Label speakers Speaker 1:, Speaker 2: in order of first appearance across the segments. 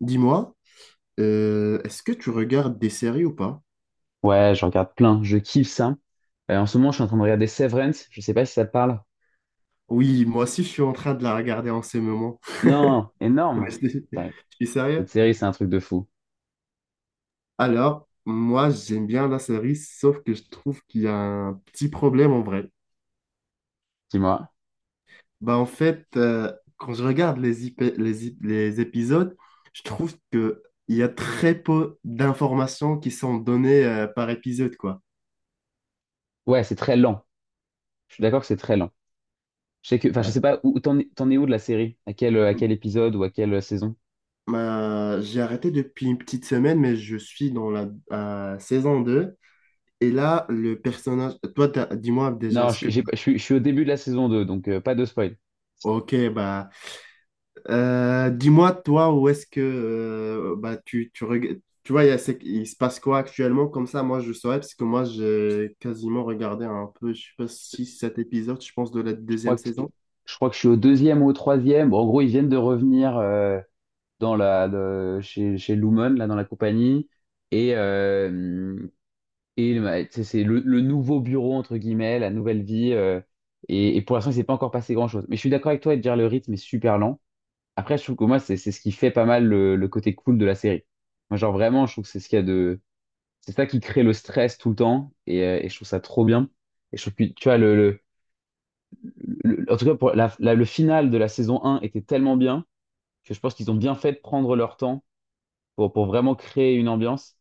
Speaker 1: Dis-moi, est-ce que tu regardes des séries ou pas?
Speaker 2: Ouais, je regarde plein. Je kiffe ça. En ce moment, je suis en train de regarder Severance. Je sais pas si ça te parle.
Speaker 1: Oui, moi aussi, je suis en train de la regarder en ce moment.
Speaker 2: Non,
Speaker 1: Ouais,
Speaker 2: énorme.
Speaker 1: Je
Speaker 2: Putain,
Speaker 1: suis
Speaker 2: cette
Speaker 1: sérieux.
Speaker 2: série, c'est un truc de fou.
Speaker 1: Alors, moi, j'aime bien la série, sauf que je trouve qu'il y a un petit problème en vrai.
Speaker 2: Dis-moi.
Speaker 1: Bah, en fait, quand je regarde les épisodes, je trouve que il y a très peu d'informations qui sont données par épisode, quoi.
Speaker 2: Ouais, c'est très lent. Je suis d'accord que c'est très lent. Je sais que, enfin, je
Speaker 1: Ouais.
Speaker 2: sais pas où t'en es où de la série? À quel épisode ou à quelle saison?
Speaker 1: Bah, j'ai arrêté depuis une petite semaine, mais je suis dans la saison 2. Et là, le personnage, toi, dis-moi déjà
Speaker 2: Non,
Speaker 1: ce
Speaker 2: je
Speaker 1: que.
Speaker 2: j'ai pas- je suis au début de la saison deux, donc pas de spoil.
Speaker 1: Ok, bah, dis-moi toi où est-ce que bah, tu vois, il, y a ce- il se passe quoi actuellement, comme ça, moi, je saurais, parce que moi, j'ai quasiment regardé un peu, je sais pas, 6, 7 épisodes, je pense, de la
Speaker 2: Je crois
Speaker 1: deuxième
Speaker 2: que,
Speaker 1: saison.
Speaker 2: je crois que je suis au deuxième ou au troisième. Bon, en gros, ils viennent de revenir dans la, chez, chez Lumon, là, dans la compagnie. Et, et tu c'est le nouveau bureau, entre guillemets, la nouvelle vie. Et pour l'instant, il s'est pas encore passé grand-chose. Mais je suis d'accord avec toi de dire le rythme est super lent. Après, je trouve que moi, c'est ce qui fait pas mal le côté cool de la série. Moi, genre vraiment, je trouve que c'est ce qu'il y a de... C'est ça qui crée le stress tout le temps. Et je trouve ça trop bien. Et je trouve que, tu vois, le, en tout cas, pour la, le final de la saison un était tellement bien que je pense qu'ils ont bien fait de prendre leur temps pour vraiment créer une ambiance.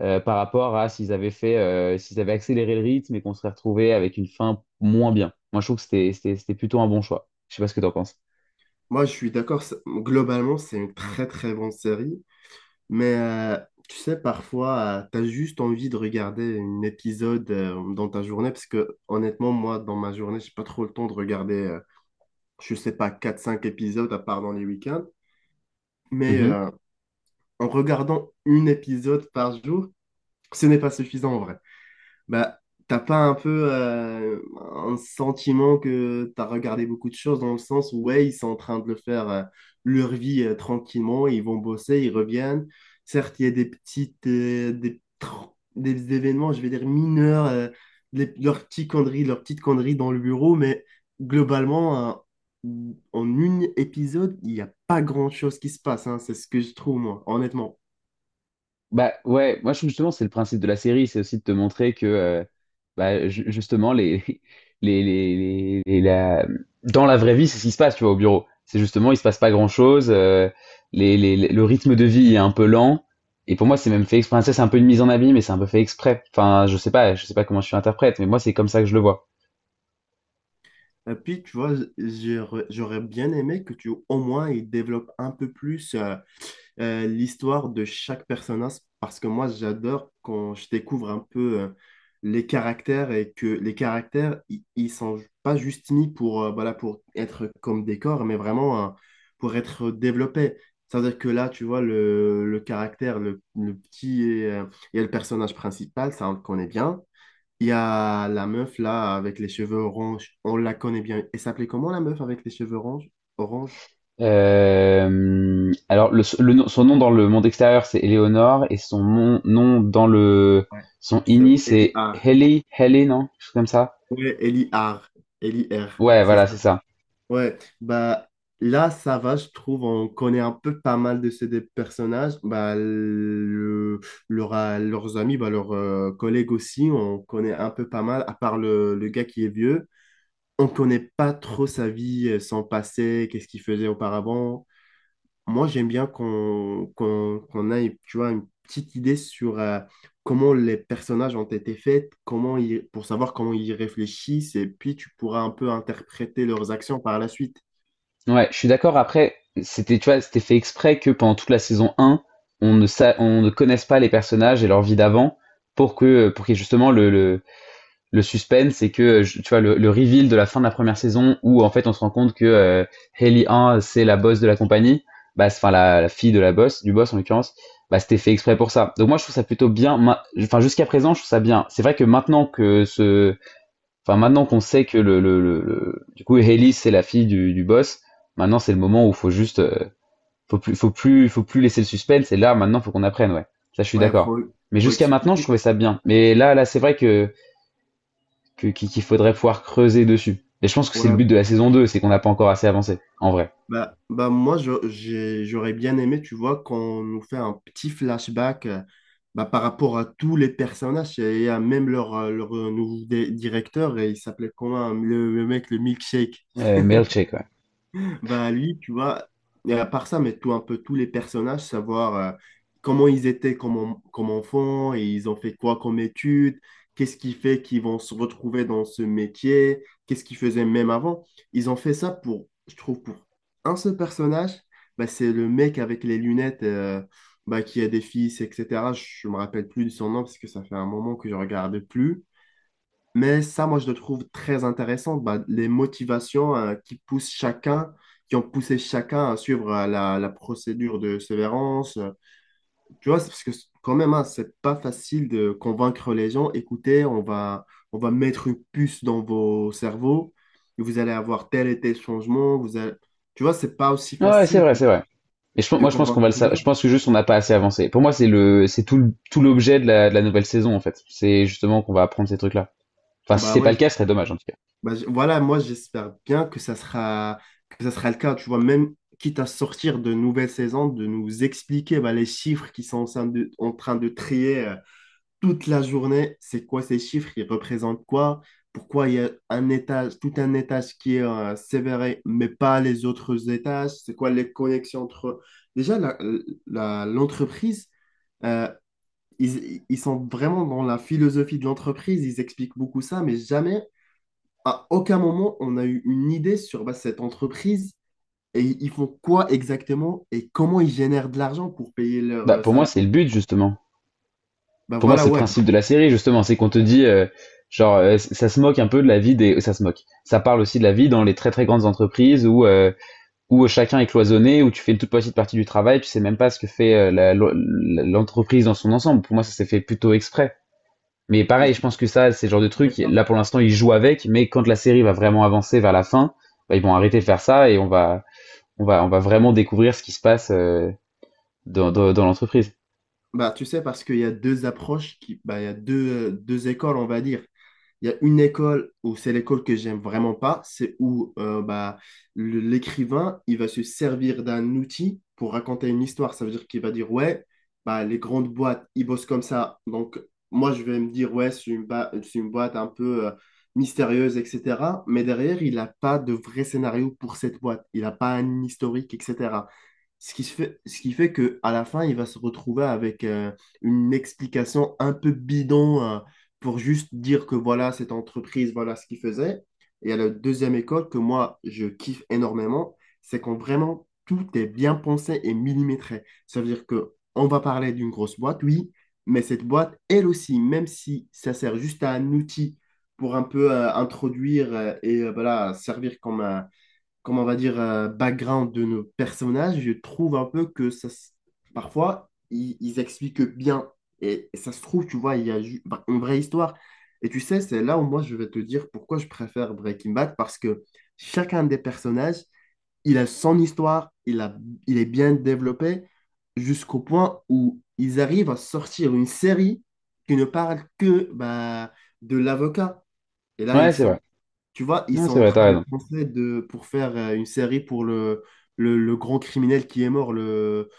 Speaker 2: Par rapport à s'ils avaient fait, s'ils avaient accéléré le rythme et qu'on serait retrouvé avec une fin moins bien. Moi, je trouve que c'était plutôt un bon choix. Je sais pas ce que t'en penses.
Speaker 1: Moi, je suis d'accord, globalement, c'est une très, très bonne série, mais tu sais, parfois, tu as juste envie de regarder un épisode dans ta journée, parce que honnêtement, moi, dans ma journée, j'ai pas trop le temps de regarder, je sais pas, quatre cinq épisodes à part dans les week-ends. Mais
Speaker 2: Mhm.
Speaker 1: en regardant un épisode par jour, ce n'est pas suffisant en vrai. Bah, t'as pas un peu un sentiment que t'as regardé beaucoup de choses dans le sens où, ouais, ils sont en train de le faire leur vie tranquillement, ils vont bosser, ils reviennent. Certes, il y a des petites, des événements, je vais dire mineurs, leurs petits conneries, leurs petites conneries dans le bureau, mais globalement, en un épisode, il n'y a pas grand-chose qui se passe, hein, c'est ce que je trouve, moi, honnêtement.
Speaker 2: Bah ouais, moi je trouve justement c'est le principe de la série, c'est aussi de te montrer que bah, justement les, la... dans la vraie vie c'est ce qui se passe tu vois au bureau. C'est justement il se passe pas grand-chose, les, le rythme de vie est un peu lent et pour moi c'est même fait exprès. Ça, c'est un peu une mise en abîme mais c'est un peu fait exprès. Enfin je sais pas comment je suis interprète mais moi c'est comme ça que je le vois.
Speaker 1: Et puis, tu vois, j'aurais bien aimé que tu, au moins, il développe un peu plus l'histoire de chaque personnage, parce que moi, j'adore quand je découvre un peu les caractères et que les caractères, ils sont pas juste mis pour, voilà, pour être comme des corps, mais vraiment pour être développés. C'est-à-dire que là, tu vois, le caractère, le petit et le personnage principal, ça, on le connaît bien. Il y a la meuf là avec les cheveux orange. On la connaît bien. Elle s'appelait comment la meuf avec les cheveux orange? Orange?
Speaker 2: Alors, le, son nom dans le monde extérieur, c'est Eleonore, et son nom dans le
Speaker 1: Ouais.
Speaker 2: son
Speaker 1: C'est
Speaker 2: ini,
Speaker 1: Ellie
Speaker 2: c'est
Speaker 1: R.
Speaker 2: Haley, Haley, non? Quelque chose comme ça.
Speaker 1: Ouais, Ellie R. Ellie R.
Speaker 2: Ouais,
Speaker 1: C'est
Speaker 2: voilà,
Speaker 1: ça.
Speaker 2: c'est ça.
Speaker 1: Ouais. Bah là, ça va, je trouve. On connaît un peu pas mal de ces des personnages. Bah leurs amis, bah, leurs collègues aussi, on connaît un peu pas mal. À part le gars qui est vieux, on connaît pas trop sa vie, son passé, qu'est-ce qu'il faisait auparavant. Moi, j'aime bien qu'on ait, tu vois, une petite idée sur comment les personnages ont été faits, comment ils, pour savoir comment ils réfléchissent, et puis tu pourras un peu interpréter leurs actions par la suite.
Speaker 2: Ouais, je suis d'accord. Après, c'était, tu vois, c'était fait exprès que pendant toute la saison un, on ne connaisse pas les personnages et leur vie d'avant pour que, pour qu'il y ait justement le, le suspense c'est que tu vois le reveal de la fin de la première saison où en fait on se rend compte que Hailey 1 c'est la boss de la compagnie bah enfin la fille de la boss du boss en l'occurrence bah c'était fait exprès pour ça donc moi je trouve ça plutôt bien enfin jusqu'à présent je trouve ça bien c'est vrai que maintenant que ce enfin maintenant qu'on sait que le du coup Hailey c'est la fille du boss maintenant c'est le moment où faut juste faut plus laisser le suspense et là maintenant faut qu'on apprenne ouais ça je suis
Speaker 1: Ouais,
Speaker 2: d'accord
Speaker 1: faut,
Speaker 2: mais
Speaker 1: faut
Speaker 2: jusqu'à maintenant je
Speaker 1: expliquer.
Speaker 2: trouvais ça bien mais là là c'est vrai que qu'il faudrait pouvoir creuser dessus. Et je pense que c'est le but
Speaker 1: Ouais,
Speaker 2: de la saison 2, c'est qu'on n'a pas encore assez avancé, en vrai.
Speaker 1: bah moi, j'aurais bien aimé, tu vois, qu'on nous fait un petit flashback bah, par rapport à tous les personnages et à même leur nouveau directeur, et il s'appelait comment, le mec, le milkshake.
Speaker 2: Mais check, ouais.
Speaker 1: Bah lui, tu vois, et à part ça, mais tout un peu tous les personnages, savoir comment ils étaient comme, comme enfants, et ils ont fait quoi comme études, qu'est-ce qui fait qu'ils vont se retrouver dans ce métier, qu'est-ce qu'ils faisaient même avant. Ils ont fait ça pour, je trouve, pour un seul personnage, bah, c'est le mec avec les lunettes bah, qui a des fils, etc. Je me rappelle plus de son nom parce que ça fait un moment que je regarde plus. Mais ça, moi, je le trouve très intéressant, bah, les motivations qui poussent chacun, qui ont poussé chacun à suivre la procédure de sévérance. Tu vois, c'est parce que quand même, hein, c'est pas facile de convaincre les gens, écoutez, on va, mettre une puce dans vos cerveaux, et vous allez avoir tel et tel changement, vous allez. Tu vois, c'est pas aussi
Speaker 2: Ouais, c'est
Speaker 1: facile
Speaker 2: vrai, c'est vrai. Et je,
Speaker 1: de
Speaker 2: moi, je pense qu'on va
Speaker 1: convaincre
Speaker 2: le
Speaker 1: les
Speaker 2: savoir. Je
Speaker 1: gens.
Speaker 2: pense que juste on n'a pas assez avancé. Pour moi, c'est le, c'est tout, tout l'objet de la nouvelle saison, en fait. C'est justement qu'on va apprendre ces trucs-là. Enfin, si
Speaker 1: Bah
Speaker 2: c'est pas
Speaker 1: ouais,
Speaker 2: le cas, ce serait dommage, en tout cas.
Speaker 1: bah, voilà, moi j'espère bien que ça sera le cas, tu vois, même quitte à sortir de nouvelles saisons, de nous expliquer bah, les chiffres qui sont en train de trier toute la journée, c'est quoi ces chiffres, ils représentent quoi, pourquoi il y a un étage, tout un étage qui est sévéré, mais pas les autres étages, c'est quoi les connexions entre eux. Déjà, l'entreprise... euh, ils sont vraiment dans la philosophie de l'entreprise, ils expliquent beaucoup ça, mais jamais à aucun moment on a eu une idée sur bah, cette entreprise et ils font quoi exactement et comment ils génèrent de l'argent pour payer leurs
Speaker 2: Bah, pour moi, c'est le
Speaker 1: salariés.
Speaker 2: but, justement.
Speaker 1: Bah
Speaker 2: Pour moi,
Speaker 1: voilà,
Speaker 2: c'est le
Speaker 1: ouais,
Speaker 2: principe de la série, justement. C'est qu'on te dit, genre, ça se moque un peu de la vie des, ça se moque. Ça parle aussi de la vie dans les très très grandes entreprises où où chacun est cloisonné, où tu fais une toute petite partie du travail, tu sais même pas ce que fait l'entreprise dans son ensemble. Pour moi, ça s'est fait plutôt exprès. Mais
Speaker 1: je
Speaker 2: pareil, je
Speaker 1: suis
Speaker 2: pense que ça, c'est le genre de truc,
Speaker 1: d'accord.
Speaker 2: là pour l'instant, ils jouent avec, mais quand la série va vraiment avancer vers la fin, bah, ils vont arrêter de faire ça et on va vraiment découvrir ce qui se passe dans l'entreprise.
Speaker 1: Bah tu sais, parce qu'il y a deux approches, qui, bah, il y a deux, deux écoles, on va dire. Il y a une école où c'est l'école que j'aime vraiment pas, c'est où bah, l'écrivain, il va se servir d'un outil pour raconter une histoire. Ça veut dire qu'il va dire, ouais, bah, les grandes boîtes, ils bossent comme ça. Donc, moi, je vais me dire, ouais, c'est une boîte un peu mystérieuse, etc. Mais derrière, il n'a pas de vrai scénario pour cette boîte. Il n'a pas un historique, etc. Ce qui se fait, ce qui fait que à la fin, il va se retrouver avec une explication un peu bidon pour juste dire que voilà, cette entreprise, voilà ce qu'il faisait. Et à la deuxième école que moi, je kiffe énormément, c'est quand vraiment tout est bien pensé et millimétré. Ça veut dire que on va parler d'une grosse boîte, oui, mais cette boîte, elle aussi, même si ça sert juste à un outil pour un peu introduire et voilà, servir comme un, comment on va dire, background de nos personnages, je trouve un peu que ça, parfois, ils expliquent bien. Et ça se trouve, tu vois, il y a bah, une vraie histoire. Et tu sais, c'est là où moi, je vais te dire pourquoi je préfère Breaking Bad, parce que chacun des personnages, il a son histoire, il est bien développé, jusqu'au point où ils arrivent à sortir une série qui ne parle que bah, de l'avocat. Et là,
Speaker 2: Ouais,
Speaker 1: ils
Speaker 2: c'est
Speaker 1: sont
Speaker 2: vrai.
Speaker 1: tu vois, ils
Speaker 2: Non,
Speaker 1: sont
Speaker 2: c'est
Speaker 1: en
Speaker 2: vrai, t'as
Speaker 1: train de
Speaker 2: raison.
Speaker 1: penser de, pour faire une série pour le- le grand criminel qui est mort, le,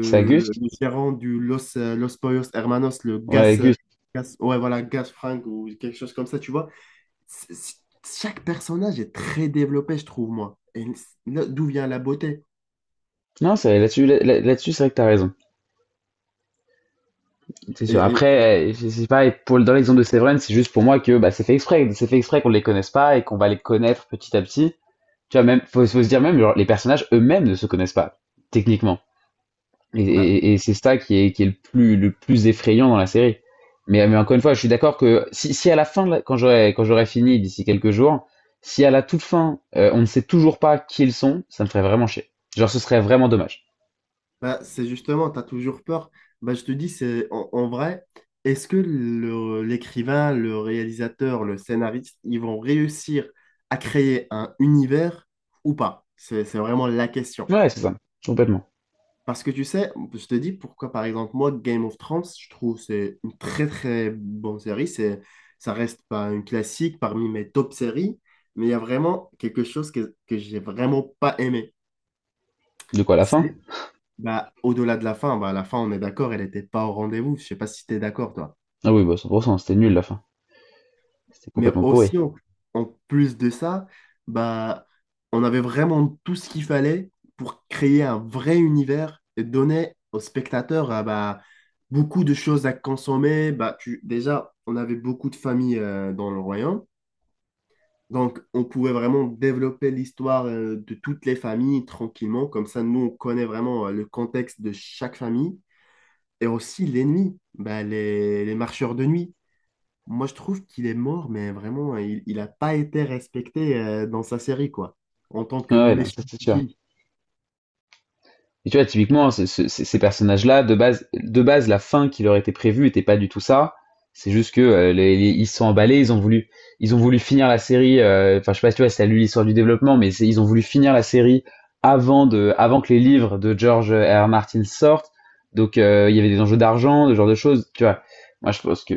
Speaker 2: C'est à Gus?
Speaker 1: le- le gérant du Los, Los Pollos Hermanos, le
Speaker 2: Ouais,
Speaker 1: Gas,
Speaker 2: Gus.
Speaker 1: Ouais, voilà, Gas Frank ou quelque chose comme ça, tu vois. C'est- c'est- Chaque personnage est très développé, je trouve, moi. Et là, d'où vient la beauté?
Speaker 2: Non, c'est vrai, là-dessus, c'est vrai que t'as raison. C'est sûr.
Speaker 1: Et, et,
Speaker 2: Après, je sais pas, et pour, dans l'exemple de Severance, c'est juste pour moi que bah, c'est fait exprès. C'est fait exprès qu'on les connaisse pas et qu'on va les connaître petit à petit. Tu vois, même, faut se dire même, genre, les personnages eux-mêmes ne se connaissent pas, techniquement. Et,
Speaker 1: bah,
Speaker 2: et c'est ça qui est le plus effrayant dans la série. Mais encore une fois, je suis d'accord que si, si à la fin, quand j'aurai fini d'ici quelques jours, si à la toute fin, on ne sait toujours pas qui ils sont, ça me ferait vraiment chier. Genre, ce serait vraiment dommage.
Speaker 1: Bah, c'est justement, tu as toujours peur. Bah, je te dis, c'est en vrai, est-ce que l'écrivain, le réalisateur, le scénariste, ils vont réussir à créer un univers ou pas? C'est vraiment la question.
Speaker 2: Ouais, c'est ça. Complètement.
Speaker 1: Parce que tu sais, je te dis pourquoi, par exemple, moi, Game of Thrones, je trouve c'est une très très bonne série. Ça reste pas une classique parmi mes top séries, mais il y a vraiment quelque chose que j'ai vraiment pas aimé.
Speaker 2: De quoi, la fin?
Speaker 1: Bah, au-delà de la fin, bah, à la fin, on est d'accord, elle n'était pas au rendez-vous. Je sais pas si tu es d'accord, toi.
Speaker 2: Ah oui, bah, 100%, c'était nul la fin. C'était
Speaker 1: Mais
Speaker 2: complètement pourri.
Speaker 1: aussi, en plus de ça, bah, on avait vraiment tout ce qu'il fallait pour créer un vrai univers et donner aux spectateurs ah, bah, beaucoup de choses à consommer. Bah, déjà, on avait beaucoup de familles dans le royaume. Donc, on pouvait vraiment développer l'histoire de toutes les familles tranquillement. Comme ça, nous, on connaît vraiment le contexte de chaque famille. Et aussi l'ennemi, bah, les marcheurs de nuit. Moi, je trouve qu'il est mort, mais vraiment, il a pas été respecté dans sa série, quoi, en tant que
Speaker 2: Ouais, non, ça
Speaker 1: méchant
Speaker 2: c'est sûr.
Speaker 1: ultime.
Speaker 2: Et tu vois, typiquement, ces personnages-là, de base, la fin qui leur était prévue était pas du tout ça. C'est juste que ils se sont emballés, ils ont voulu finir la série. Enfin, je sais pas si tu vois, si t'as lu l'histoire du développement, mais ils ont voulu finir la série avant de, avant que les livres de George R. Martin sortent. Donc, il y avait des enjeux d'argent, ce genre de choses. Tu vois, moi,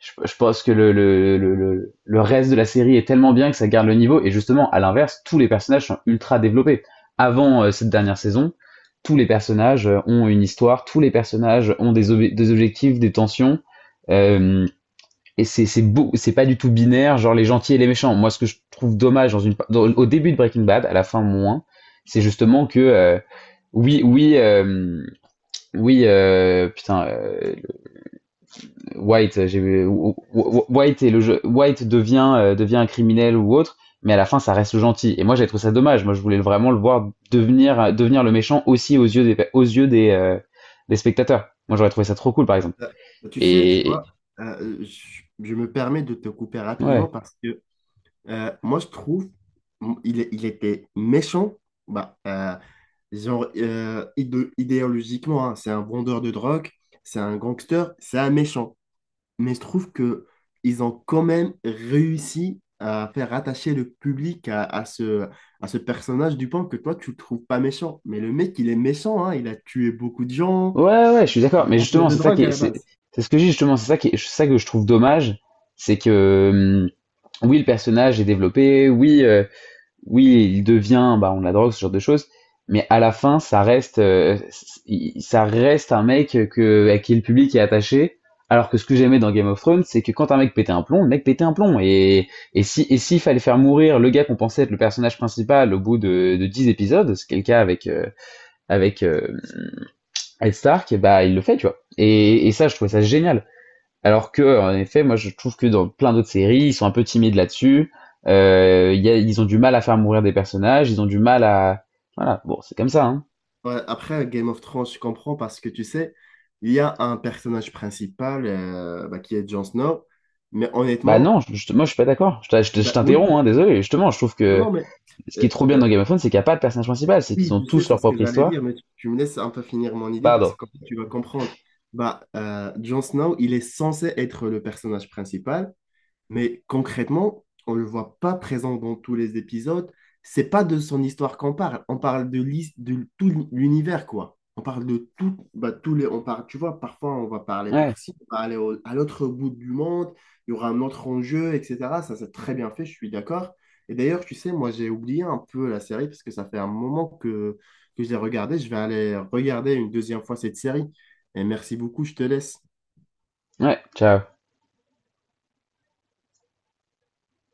Speaker 2: je pense que le reste de la série est tellement bien que ça garde le niveau. Et justement, à l'inverse, tous les personnages sont ultra développés avant cette dernière saison tous les personnages ont une histoire, tous les personnages ont des, des objectifs, des tensions. euh, et c'est beau, c'est pas du tout binaire, genre les gentils et les méchants. Moi, ce que je trouve dommage dans une, au début de Breaking Bad, à la fin moins, c'est justement que oui, oui, oui, putain, White, White est le jeu, White devient devient un criminel ou autre, mais à la fin ça reste le gentil. Et moi j'ai trouvé ça dommage. Moi je voulais vraiment le voir devenir devenir le méchant aussi aux yeux des aux yeux des des spectateurs. Moi j'aurais trouvé ça trop cool par exemple.
Speaker 1: Euh, Tu sais, tu
Speaker 2: Et
Speaker 1: vois, je me permets de te couper rapidement
Speaker 2: ouais,
Speaker 1: parce que moi, je trouve il était méchant, bah, genre, idéologiquement, hein, c'est un vendeur de drogue, c'est un gangster, c'est un méchant. Mais je trouve que ils ont quand même réussi à faire attacher le public à ce personnage Dupin que toi, tu le trouves pas méchant. Mais le mec, il est méchant, hein, il a tué beaucoup de gens.
Speaker 2: ouais ouais, je suis d'accord.
Speaker 1: Un
Speaker 2: Mais
Speaker 1: vendeur
Speaker 2: justement
Speaker 1: de
Speaker 2: c'est ça
Speaker 1: drogue
Speaker 2: qui
Speaker 1: à
Speaker 2: est-
Speaker 1: la base.
Speaker 2: c'est ce que je justement c'est ça qui est, c'est ça que je trouve dommage, c'est que oui le personnage est développé, oui, il devient, bah, on la drogue, ce genre de choses. Mais à la fin, ça reste, ça reste un mec que, à qui le public est attaché. Alors que ce que j'aimais dans Game of Thrones, c'est que quand un mec pétait un plomb, le mec pétait un plomb. Et si, et s'il fallait faire mourir le gars qu'on pensait être le personnage principal au bout de 10 épisodes, c'est le cas avec, avec Ed Stark, bah, il le fait, tu vois. Et ça, je trouvais ça génial. Alors que, en effet, moi je trouve que dans plein d'autres séries, ils sont un peu timides là-dessus. Ils ont du mal à faire mourir des personnages, ils ont du mal à... Voilà, bon, c'est comme ça, hein.
Speaker 1: Ouais, après, Game of Thrones, je comprends parce que tu sais, il y a un personnage principal bah, qui est Jon Snow, mais
Speaker 2: Bah
Speaker 1: honnêtement,
Speaker 2: non, moi je suis pas d'accord. Je
Speaker 1: bah, oui,
Speaker 2: t'interromps, hein, désolé. Justement, je trouve
Speaker 1: non,
Speaker 2: que
Speaker 1: non, mais
Speaker 2: ce qui
Speaker 1: euh,
Speaker 2: est trop bien dans
Speaker 1: euh,
Speaker 2: Game of Thrones, c'est qu'il n'y a pas de personnage principal, c'est qu'ils
Speaker 1: Oui,
Speaker 2: ont
Speaker 1: tu sais,
Speaker 2: tous
Speaker 1: c'est
Speaker 2: leur
Speaker 1: ce que
Speaker 2: propre
Speaker 1: j'allais
Speaker 2: histoire.
Speaker 1: dire, mais tu me laisses un peu finir mon idée parce
Speaker 2: Pardon.
Speaker 1: que comme ça, tu vas comprendre. Bah, Jon Snow, il est censé être le personnage principal, mais concrètement, on ne le voit pas présent dans tous les épisodes. C'est pas de son histoire qu'on parle. On parle de tout l'univers, quoi. On parle de tout, bah, tous les, on parle, tu vois, parfois on va parler
Speaker 2: Ouais,
Speaker 1: par-ci, on va aller à l'autre bout du monde, il y aura un autre enjeu, etc. Ça, c'est très bien fait, je suis d'accord. Et d'ailleurs, tu sais, moi, j'ai oublié un peu la série parce que ça fait un moment que je l'ai regardée. Je vais aller regarder une deuxième fois cette série. Et merci beaucoup, je te laisse.
Speaker 2: ouais, ciao.